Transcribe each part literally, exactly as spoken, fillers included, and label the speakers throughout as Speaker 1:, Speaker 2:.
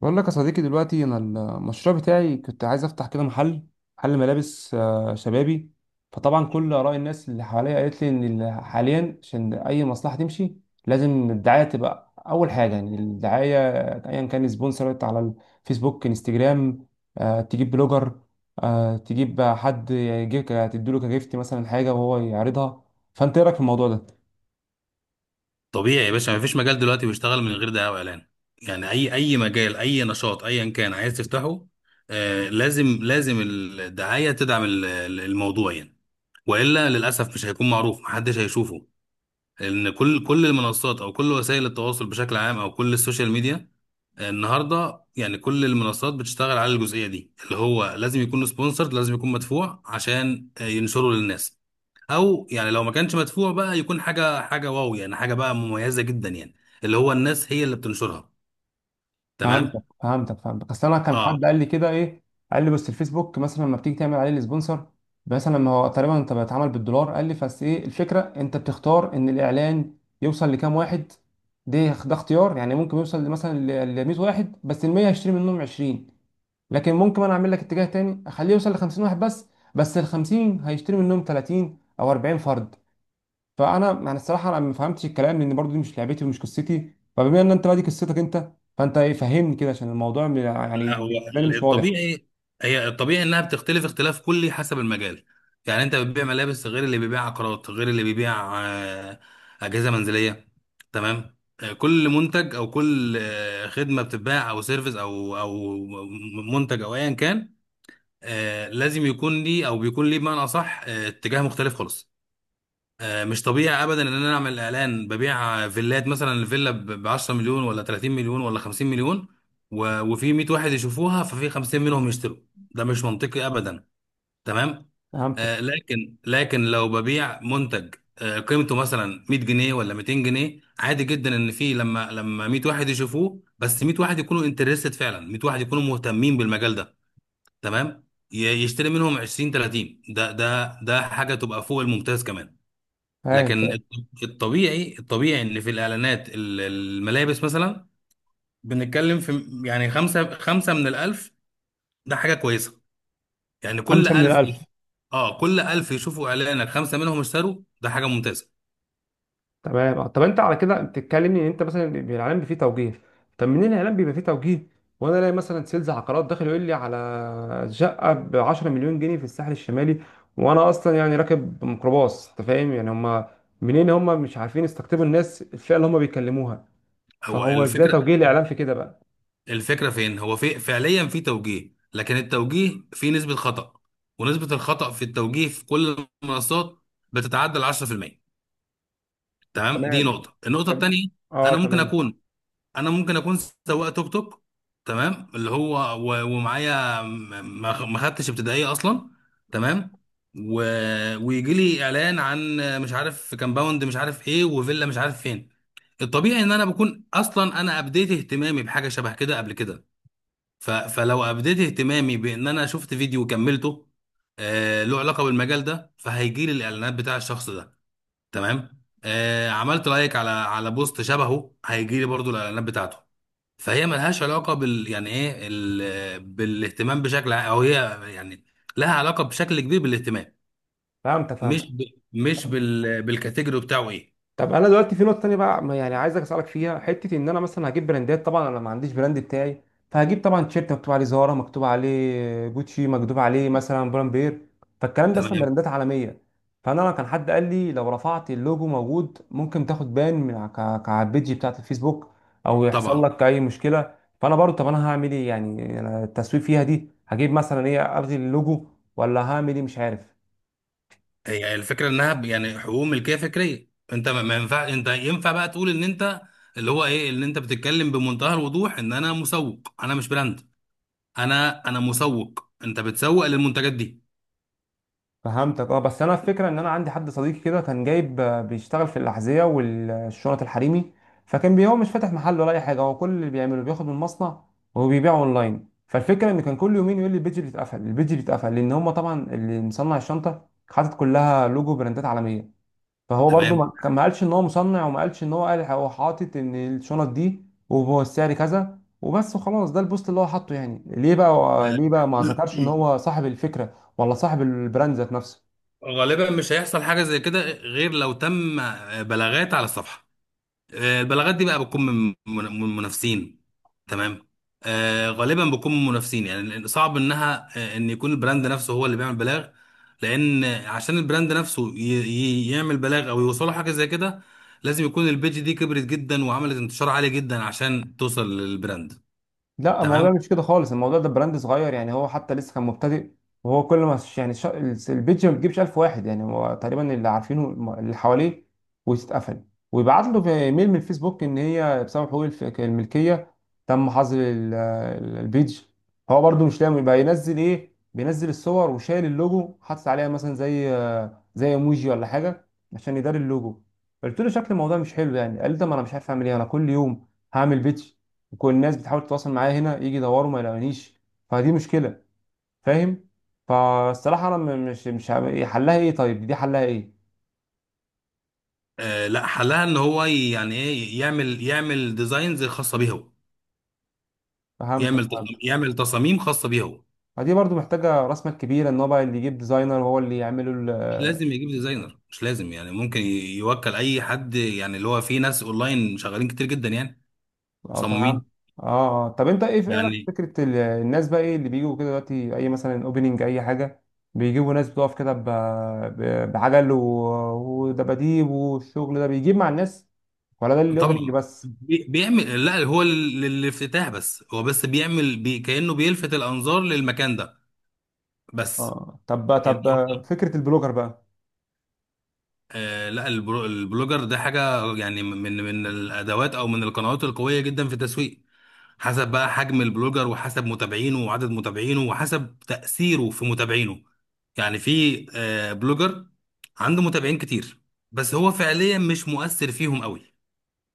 Speaker 1: بقول لك يا صديقي دلوقتي انا المشروع بتاعي كنت عايز افتح كده محل محل ملابس، آه، شبابي. فطبعا كل اراء الناس اللي حواليا قالت لي ان ال- حاليا عشان اي مصلحه تمشي لازم الدعايه تبقى اول حاجه، يعني الدعايه ايا كان سبونسر على الفيسبوك، انستجرام، آه، تجيب بلوجر، آه، تجيب حد يجيب تديله كجيفت مثلا حاجه وهو يعرضها. فانت ايه رايك في الموضوع ده؟
Speaker 2: طبيعي يا باشا مفيش مجال دلوقتي بيشتغل من غير دعايه واعلان. يعني اي اي مجال اي نشاط ايا كان عايز تفتحه. آه لازم لازم الدعايه تدعم ال- ال- الموضوع يعني، والا للاسف مش هيكون معروف محدش هيشوفه، لان كل كل المنصات او كل وسائل التواصل بشكل عام او كل السوشيال ميديا. آه، النهارده يعني كل المنصات بتشتغل على الجزئيه دي، اللي هو لازم يكون سبونسرد لازم يكون مدفوع عشان آه، ينشره للناس، او يعني لو ما كانش مدفوع بقى يكون حاجه حاجه واو، يعني حاجه بقى مميزه جدا يعني، اللي هو الناس هي اللي بتنشرها.
Speaker 1: فهمتك
Speaker 2: تمام.
Speaker 1: فهمتك فهمتك اصل انا كان
Speaker 2: اه.
Speaker 1: حد قال لي كده، ايه، قال لي بس الفيسبوك مثلا لما بتيجي تعمل عليه السبونسر، مثلا ما هو تقريبا انت بتتعامل بالدولار. قال لي بس ايه الفكره، انت بتختار ان الاعلان يوصل لكام واحد. ده ده اختيار، يعني ممكن يوصل مثلا ل مية واحد، بس ال المية هشتري منهم عشرين. لكن ممكن انا اعمل لك اتجاه تاني اخليه يوصل ل خمسين واحد، بس بس ال الخمسين هيشتري منهم تلاتين او اربعين فرد. فانا يعني الصراحه انا ما فهمتش الكلام، لان برضو دي مش لعبتي ومش قصتي، فبما ان انت بقى دي قصتك انت، فانت إيه؟ فهمني كده عشان الموضوع م- يعني
Speaker 2: لا، هو
Speaker 1: بالنسبه لي مش واضح.
Speaker 2: الطبيعي هي الطبيعي انها بتختلف اختلاف كلي حسب المجال. يعني انت بتبيع ملابس غير اللي بيبيع عقارات غير اللي بيبيع آه، اجهزه منزليه. تمام. آه، كل منتج او كل آه، خدمه بتتباع او سيرفيس او او منتج او ايا كان آه، لازم يكون ليه او بيكون ليه بمعنى اصح آه، اتجاه مختلف خالص. آه، مش طبيعي ابدا ان انا اعمل اعلان ببيع فيلات، مثلا الفيلا ب 10 مليون ولا 30 مليون ولا 50 مليون، و- وفي 100 واحد يشوفوها ففي خمسين منهم يشتروا. ده مش منطقي ابدا. تمام.
Speaker 1: فهمتك.
Speaker 2: آه، لكن لكن لو ببيع منتج آه، قيمته مثلا ميت جنيه ولا ميتين جنيه، عادي جدا ان في، لما لما ميت واحد يشوفوه بس ميت واحد يكونوا انترستد فعلا، ميت واحد يكونوا مهتمين بالمجال ده. تمام. ي- يشتري منهم عشرين تلاتين، ده ده ده حاجه تبقى فوق الممتاز كمان.
Speaker 1: فاهم
Speaker 2: لكن
Speaker 1: فاهم.
Speaker 2: الط- الطبيعي الطبيعي ان في الاعلانات ال- الملابس، مثلا بنتكلم في يعني خمسة خمسة من الألف، ده حاجة كويسة. يعني كل
Speaker 1: خمسه من
Speaker 2: ألف
Speaker 1: الالف.
Speaker 2: اه كل ألف يشوفوا إعلانك خمسة منهم اشتروا، ده حاجة ممتازة.
Speaker 1: تمام. آه، طب انت على كده بتتكلمني ان انت مثلا بي- الاعلان بيبقى فيه توجيه. طب منين الاعلان بيبقى فيه توجيه، وانا الاقي مثلا سيلز عقارات داخل يقول لي على شقه ب عشرة مليون جنيه مليون جنيه في الساحل الشمالي وانا اصلا يعني راكب ميكروباص؟ انت فاهم يعني؟ هم منين؟ هم مش عارفين يستقطبوا الناس الفئه اللي هم بيكلموها.
Speaker 2: هو
Speaker 1: فهو ازاي
Speaker 2: الفكرة
Speaker 1: توجيه الاعلام في كده بقى؟
Speaker 2: الفكرة فين، هو في فعليا في توجيه، لكن التوجيه فيه نسبة خطأ، ونسبة الخطأ في التوجيه في كل المنصات بتتعدى ال عشرة في المية. تمام، دي
Speaker 1: تمام.
Speaker 2: نقطة النقطة
Speaker 1: طب،
Speaker 2: التانية،
Speaker 1: اه
Speaker 2: أنا ممكن
Speaker 1: تمام.
Speaker 2: أكون انا ممكن اكون سواق توك توك، تمام، اللي هو، و- ومعايا، م- ما ما خدتش ابتدائيه اصلا، تمام، و... ويجي لي اعلان عن مش عارف كامباوند مش عارف ايه وفيلا مش عارف فين. الطبيعي ان انا بكون اصلا انا ابديت اهتمامي بحاجه شبه كده قبل كده. ف... فلو ابديت اهتمامي بان انا شفت فيديو وكملته، آه له علاقه بالمجال ده، فهيجي لي الاعلانات بتاع الشخص ده. تمام. آه عملت لايك على على بوست شبهه، هيجي لي برضو الاعلانات بتاعته. فهي ملهاش علاقه بال، يعني ايه ال... بالاهتمام بشكل ع- او هي يعني لها علاقه بشكل كبير بالاهتمام،
Speaker 1: فهمت
Speaker 2: مش
Speaker 1: فهمت
Speaker 2: ب... مش بال... بالكاتيجوري بتاعه ايه.
Speaker 1: طب انا دلوقتي في نقطه تانية بقى ما يعني عايزك اسالك فيها حته، ان انا مثلا هجيب براندات. طبعا انا ما عنديش براند بتاعي، فهجيب طبعا تيشيرت مكتوب عليه زارا، مكتوب عليه جوتشي، مكتوب عليه مثلا بولمبير. فالكلام ده اصلا
Speaker 2: تمام.
Speaker 1: براندات عالميه. فانا أنا كان حد قال لي لو رفعت اللوجو موجود ممكن تاخد بان من ع- ك- ك- على البيج بتاعت الفيسبوك، او يحصل
Speaker 2: طبعا.
Speaker 1: لك اي مشكله. فانا برضو، طب انا هعمل ايه؟ يعني أنا التسويق فيها دي هجيب مثلا، ايه، الغي اللوجو ولا هعمل ايه؟ مش عارف.
Speaker 2: هي الفكره انها ب- يعني حقوق ملكيه فكريه، انت ما ما ينفع، انت ينفع بقى تقول ان انت، اللي هو ايه، اللي انت بتتكلم بمنتهى الوضوح ان انا مسوق انا مش براند، انا انا مسوق، انت بتسوق للمنتجات دي.
Speaker 1: فهمتك اه، بس انا الفكره ان انا عندي حد صديقي كده كان جايب، آه، بيشتغل في الاحذيه والشنط الحريمي. فكان بي- هو مش فاتح محل ولا اي حاجه، هو كل اللي بيعمله بياخد من مصنع وبيبيعه اونلاين. فالفكره ان كان كل يومين يقول لي البيج بيتقفل، البيج بيتقفل، لان هم طبعا اللي مصنع الشنطه حاطط كلها لوجو براندات عالميه. فهو برضو
Speaker 2: تمام.
Speaker 1: ما كان- ما قالش ان هو مصنع، وما قالش ان هو، قال هو حاطط ان الشنط دي وهو السعر كذا وبس وخلاص. ده البوست اللي هو حاطه، يعني ليه بقى، ليه بقى ما ذكرش ان هو صاحب الفكره ولا صاحب البراند ذات نفسه.
Speaker 2: غالبا مش هيحصل حاجه زي كده غير لو تم بلاغات على الصفحه. آه، البلاغات دي بقى بتكون من من- من منافسين. تمام. آه، غالبا بتكون من منافسين، يعني لأن صعب انها، آه، ان يكون البراند نفسه هو اللي بيعمل بلاغ، لان آه، عشان البراند نفسه ي- ي- يعمل بلاغ او يوصله حاجه زي كده، لازم يكون البيج دي كبرت جدا وعملت انتشار عالي جدا عشان توصل للبراند.
Speaker 1: لا، الموضوع
Speaker 2: تمام.
Speaker 1: مش كده خالص. الموضوع ده براند صغير، يعني هو حتى لسه كان مبتدئ. وهو كل ما ش- يعني ش- البيج ما بتجيبش الف واحد، يعني هو تقريبا اللي عارفينه الم- اللي حواليه، وتتقفل، ويبعت له في ايميل من الفيسبوك ان هي بسبب حقوق الف- الملكيه تم حظر ال- ال- البيج. هو برده مش لاقي بقى ينزل ايه، بينزل الصور وشايل اللوجو، حاطط عليها مثلا زي زي ايموجي ولا حاجه عشان يداري اللوجو. قلت له شكل الموضوع مش حلو يعني، قال لي ده ما انا مش عارف اعمل ايه، انا كل يوم هعمل بيج وكل الناس بتحاول تتواصل معايا هنا يجي يدوروا ما يلاقونيش، فدي مشكله. فاهم؟ فالصراحه انا م- مش مش عم- إيه حلها ايه، طيب دي حلها ايه؟
Speaker 2: آه، لا، حلها ان هو ي- يعني ايه، يعمل يعمل ديزاينز خاصه بيه هو،
Speaker 1: فهمتك
Speaker 2: يعمل
Speaker 1: فهمتك
Speaker 2: يعمل تصاميم خاصه بيه هو.
Speaker 1: فدي برضو محتاجه راس مال كبيره، ان هو بقى اللي يجيب ديزاينر هو اللي يعمله
Speaker 2: مش
Speaker 1: ال-
Speaker 2: لازم يجيب ديزاينر، مش لازم، يعني ممكن ي- يوكل اي حد، يعني اللي هو في ناس اونلاين شغالين كتير جدا يعني،
Speaker 1: اه، فهمت.
Speaker 2: مصممين.
Speaker 1: اه آه. طب انت ايه، في ايه رأيك في
Speaker 2: يعني
Speaker 1: فكره ال- الناس بقى، ايه اللي بيجوا كده دلوقتي، اي مثلا اوبننج اي حاجه، بيجيبوا ناس بتقف كده ب- ب- بعجل و- ودباديب والشغل ده بيجيب مع الناس، ولا ده الاوبننج
Speaker 2: طبعا
Speaker 1: بس؟
Speaker 2: بي- بيعمل، لا هو لل- للافتتاح بس، هو بس بيعمل بي كأنه بيلفت الانظار للمكان ده بس.
Speaker 1: اه، طب
Speaker 2: يعني
Speaker 1: طب
Speaker 2: هو-
Speaker 1: فكره البلوجر بقى؟
Speaker 2: آه لا البرو- البلوجر ده حاجة، يعني من من الادوات او من القنوات القوية جدا في التسويق، حسب بقى حجم البلوجر وحسب متابعينه وعدد متابعينه وحسب تأثيره في متابعينه. يعني في آه، بلوجر عنده متابعين كتير بس هو فعليا مش مؤثر فيهم قوي.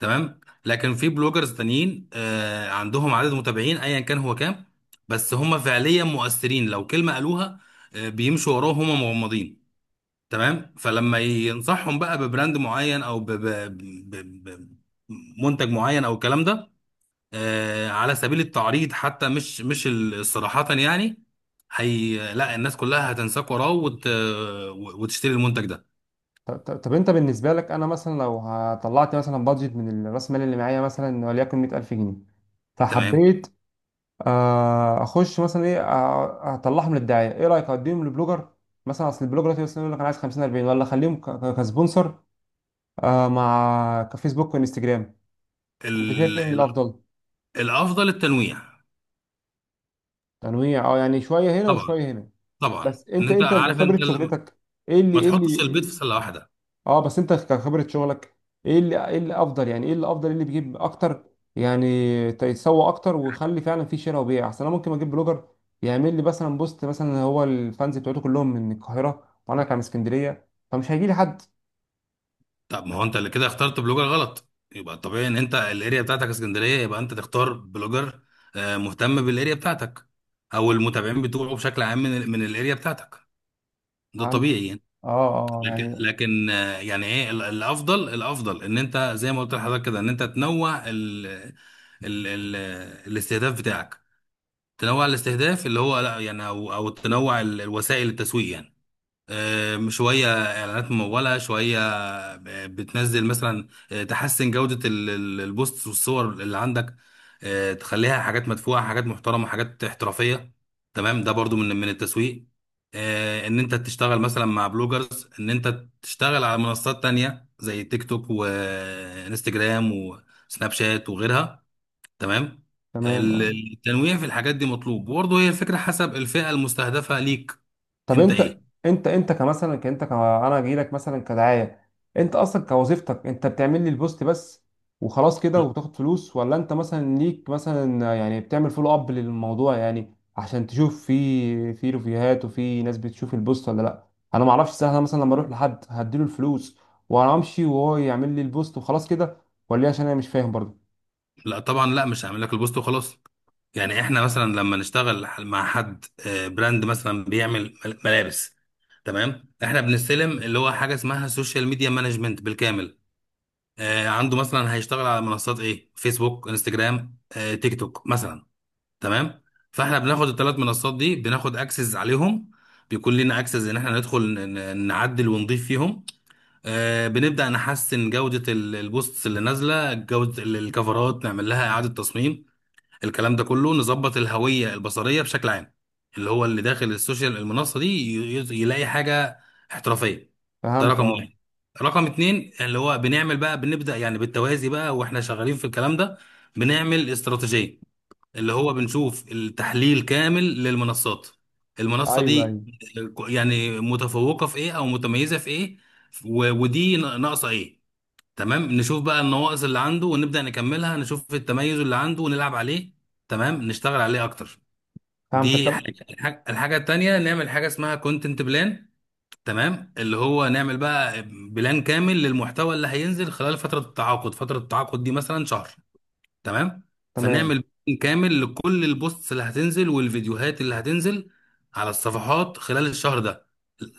Speaker 2: تمام. لكن في بلوجرز تانيين آه، عندهم عدد متابعين ايا كان هو كام، بس هم فعليا مؤثرين، لو كلمة قالوها آه، بيمشوا وراهم هم مغمضين. تمام. فلما ينصحهم بقى ببراند معين او ب- ب- ب- ب- منتج معين او الكلام ده، آه، على سبيل التعريض حتى، مش مش ال- صراحة يعني، هي لا، الناس كلها هتنساك وراه وت... وتشتري المنتج ده.
Speaker 1: طب, طب طب انت بالنسبه لك انا مثلا لو طلعت مثلا بادجت من راس المال اللي معايا مثلا وليكن مية الف جنيه،
Speaker 2: تمام.
Speaker 1: فحبيت آه، اخش مثلا ايه، آه، اطلعهم للدعايه. ايه رايك اديهم لبلوجر مثلا، اصل البلوجر دلوقتي مثلا يقول لك انا عايز خمسين، اربعين، ولا اخليهم ك- ك- كسبونسر آه، مع كفيسبوك وانستجرام؟ انت شايف
Speaker 2: ال...
Speaker 1: ايه
Speaker 2: ال...
Speaker 1: الافضل؟
Speaker 2: الافضل التنويع.
Speaker 1: تنويع. اه، يعني شويه هنا
Speaker 2: طبعا
Speaker 1: وشويه هنا.
Speaker 2: طبعا،
Speaker 1: بس
Speaker 2: ان
Speaker 1: انت
Speaker 2: انت
Speaker 1: انت
Speaker 2: عارف
Speaker 1: خبره
Speaker 2: انت ال...
Speaker 1: شغلتك، ايه اللي
Speaker 2: ما
Speaker 1: ايه
Speaker 2: تحطش البيض في
Speaker 1: اللي
Speaker 2: سله واحده.
Speaker 1: اه، بس انت كخبرة شغلك، ايه اللي ايه اللي افضل، يعني ايه اللي افضل، ايه اللي بيجيب اكتر يعني تسوق اكتر ويخلي فعلا في شراء وبيع احسن؟ انا ممكن اجيب بلوجر يعمل لي مثلا بوست، مثلا هو الفانز بتوعته كلهم من القاهرة وانا كان من اسكندرية، فمش هيجي لي حد.
Speaker 2: طب ما هو انت اللي كده اخترت بلوجر غلط. يبقى الطبيعي ان انت الاريا بتاعتك اسكندريه، يبقى انت تختار بلوجر آه، مهتم بالاريا بتاعتك، او المتابعين بتوعه بشكل عام من ال... من الاريا بتاعتك. ده
Speaker 1: فهمت.
Speaker 2: طبيعي يعني.
Speaker 1: اه اه،
Speaker 2: لكن
Speaker 1: يعني
Speaker 2: لكن آه، يعني ايه، ال- الافضل الافضل ان انت، زي ما قلت لحضرتك كده، ان انت تنوع ال ال ال الاستهداف بتاعك. تنوع الاستهداف، اللي هو لا يعني، او او تنوع ال- الوسائل التسويق يعني. آم، شوية إعلانات ممولة، شوية آه، بتنزل، مثلا آه، تحسن جودة ال- ال- البوست والصور اللي عندك، آه، تخليها حاجات مدفوعة، حاجات محترمة، حاجات احترافية. تمام، ده برضو من من التسويق. آه، إن أنت تشتغل مثلا مع بلوجرز، إن أنت تشتغل على منصات تانية زي تيك توك وإنستجرام وسناب شات وغيرها. تمام.
Speaker 1: تمام.
Speaker 2: ال-
Speaker 1: اه،
Speaker 2: التنويع في الحاجات دي مطلوب، وبرضه هي الفكرة حسب الفئة المستهدفة ليك.
Speaker 1: طب
Speaker 2: أنت
Speaker 1: انت
Speaker 2: إيه؟
Speaker 1: انت انت كمثلا، ك- انت ك... انا جاي لك مثلا كدعايه، انت اصلا كوظيفتك انت بتعمل لي البوست بس وخلاص كده وبتاخد فلوس، ولا انت مثلا ليك مثلا يعني بتعمل فولو اب للموضوع يعني عشان تشوف في في ريفيوهات وفي ناس بتشوف البوست ولا لا؟ انا ما اعرفش سهله مثلا لما اروح لحد هديله الفلوس وانا امشي وهو يعمل لي البوست وخلاص كده، ولا ايه؟ عشان انا مش فاهم برضه.
Speaker 2: لا طبعا، لا، مش هعمل لك البوست وخلاص. يعني احنا مثلا لما نشتغل مع حد آه، براند مثلا بيعمل مل- ملابس، تمام، احنا بنستلم اللي هو حاجه اسمها سوشيال ميديا مانجمنت بالكامل. آه، عنده مثلا هيشتغل على منصات ايه، فيسبوك انستجرام آه، تيك توك مثلا. تمام. فاحنا بناخد الثلاث منصات دي، بناخد اكسس عليهم، بيكون لنا اكسس ان احنا ندخل ن- ن- نعدل ونضيف فيهم. آه، بنبدا نحسن جوده ال- البوستس اللي نازله، جوده ال- الكفرات نعمل لها اعاده تصميم، الكلام ده كله، نظبط الهوية البصرية بشكل عام، اللي هو اللي داخل السوشيال المنصة دي ي- ي- يلاقي حاجة احترافية. ده
Speaker 1: فهمت.
Speaker 2: رقم واحد.
Speaker 1: اه،
Speaker 2: رقم اتنين، اللي هو بنعمل بقى، بنبدأ يعني بالتوازي بقى واحنا شغالين في الكلام ده، بنعمل استراتيجية، اللي هو بنشوف التحليل كامل للمنصات. المنصة
Speaker 1: ايوه ايوه.
Speaker 2: دي يعني متفوقة في ايه او متميزة في ايه، و- ودي ناقصة ايه. تمام، نشوف بقى النواقص اللي عنده ونبدأ نكملها، نشوف التميز اللي عنده ونلعب عليه، تمام، نشتغل عليه اكتر.
Speaker 1: فهمتك.
Speaker 2: دي
Speaker 1: طب
Speaker 2: حاجة. الحاجة الحاجة التانية، نعمل حاجة اسمها كونتنت بلان. تمام، اللي هو نعمل بقى بلان كامل للمحتوى اللي هينزل خلال فترة التعاقد فترة التعاقد دي مثلا شهر. تمام، فنعمل
Speaker 1: تمام.
Speaker 2: بلان كامل لكل البوستس اللي هتنزل والفيديوهات اللي هتنزل على الصفحات خلال الشهر ده.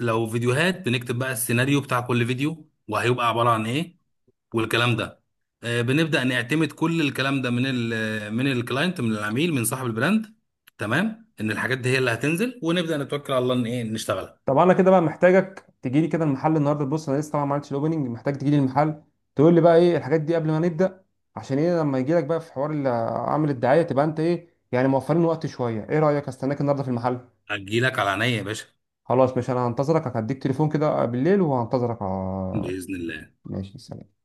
Speaker 2: لو فيديوهات بنكتب بقى السيناريو بتاع كل فيديو وهيبقى عبارة عن ايه والكلام ده. آه، بنبدأ نعتمد كل الكلام ده من ال من الكلاينت، من العميل، من صاحب البراند، تمام، ان الحاجات دي هي اللي هتنزل، ونبدأ نتوكل على الله ان ايه نشتغلها.
Speaker 1: طب انا كده بقى محتاجك تجي لي كده المحل النهارده. بص انا لسه طبعا ما عملتش الاوبننج، محتاج تجي لي المحل تقول لي بقى ايه الحاجات دي قبل ما نبدا، عشان ايه لما يجي لك بقى في حوار ال- عامل الدعايه تبقى انت ايه، يعني موفرين وقت شويه. ايه رايك استناك النهارده في المحل؟
Speaker 2: هتجيلك على عينيا يا باشا،
Speaker 1: خلاص، ماشي، انا هنتظرك، هديك تليفون كده بالليل وهنتظرك. آه
Speaker 2: بإذن الله.
Speaker 1: ماشي، سلام.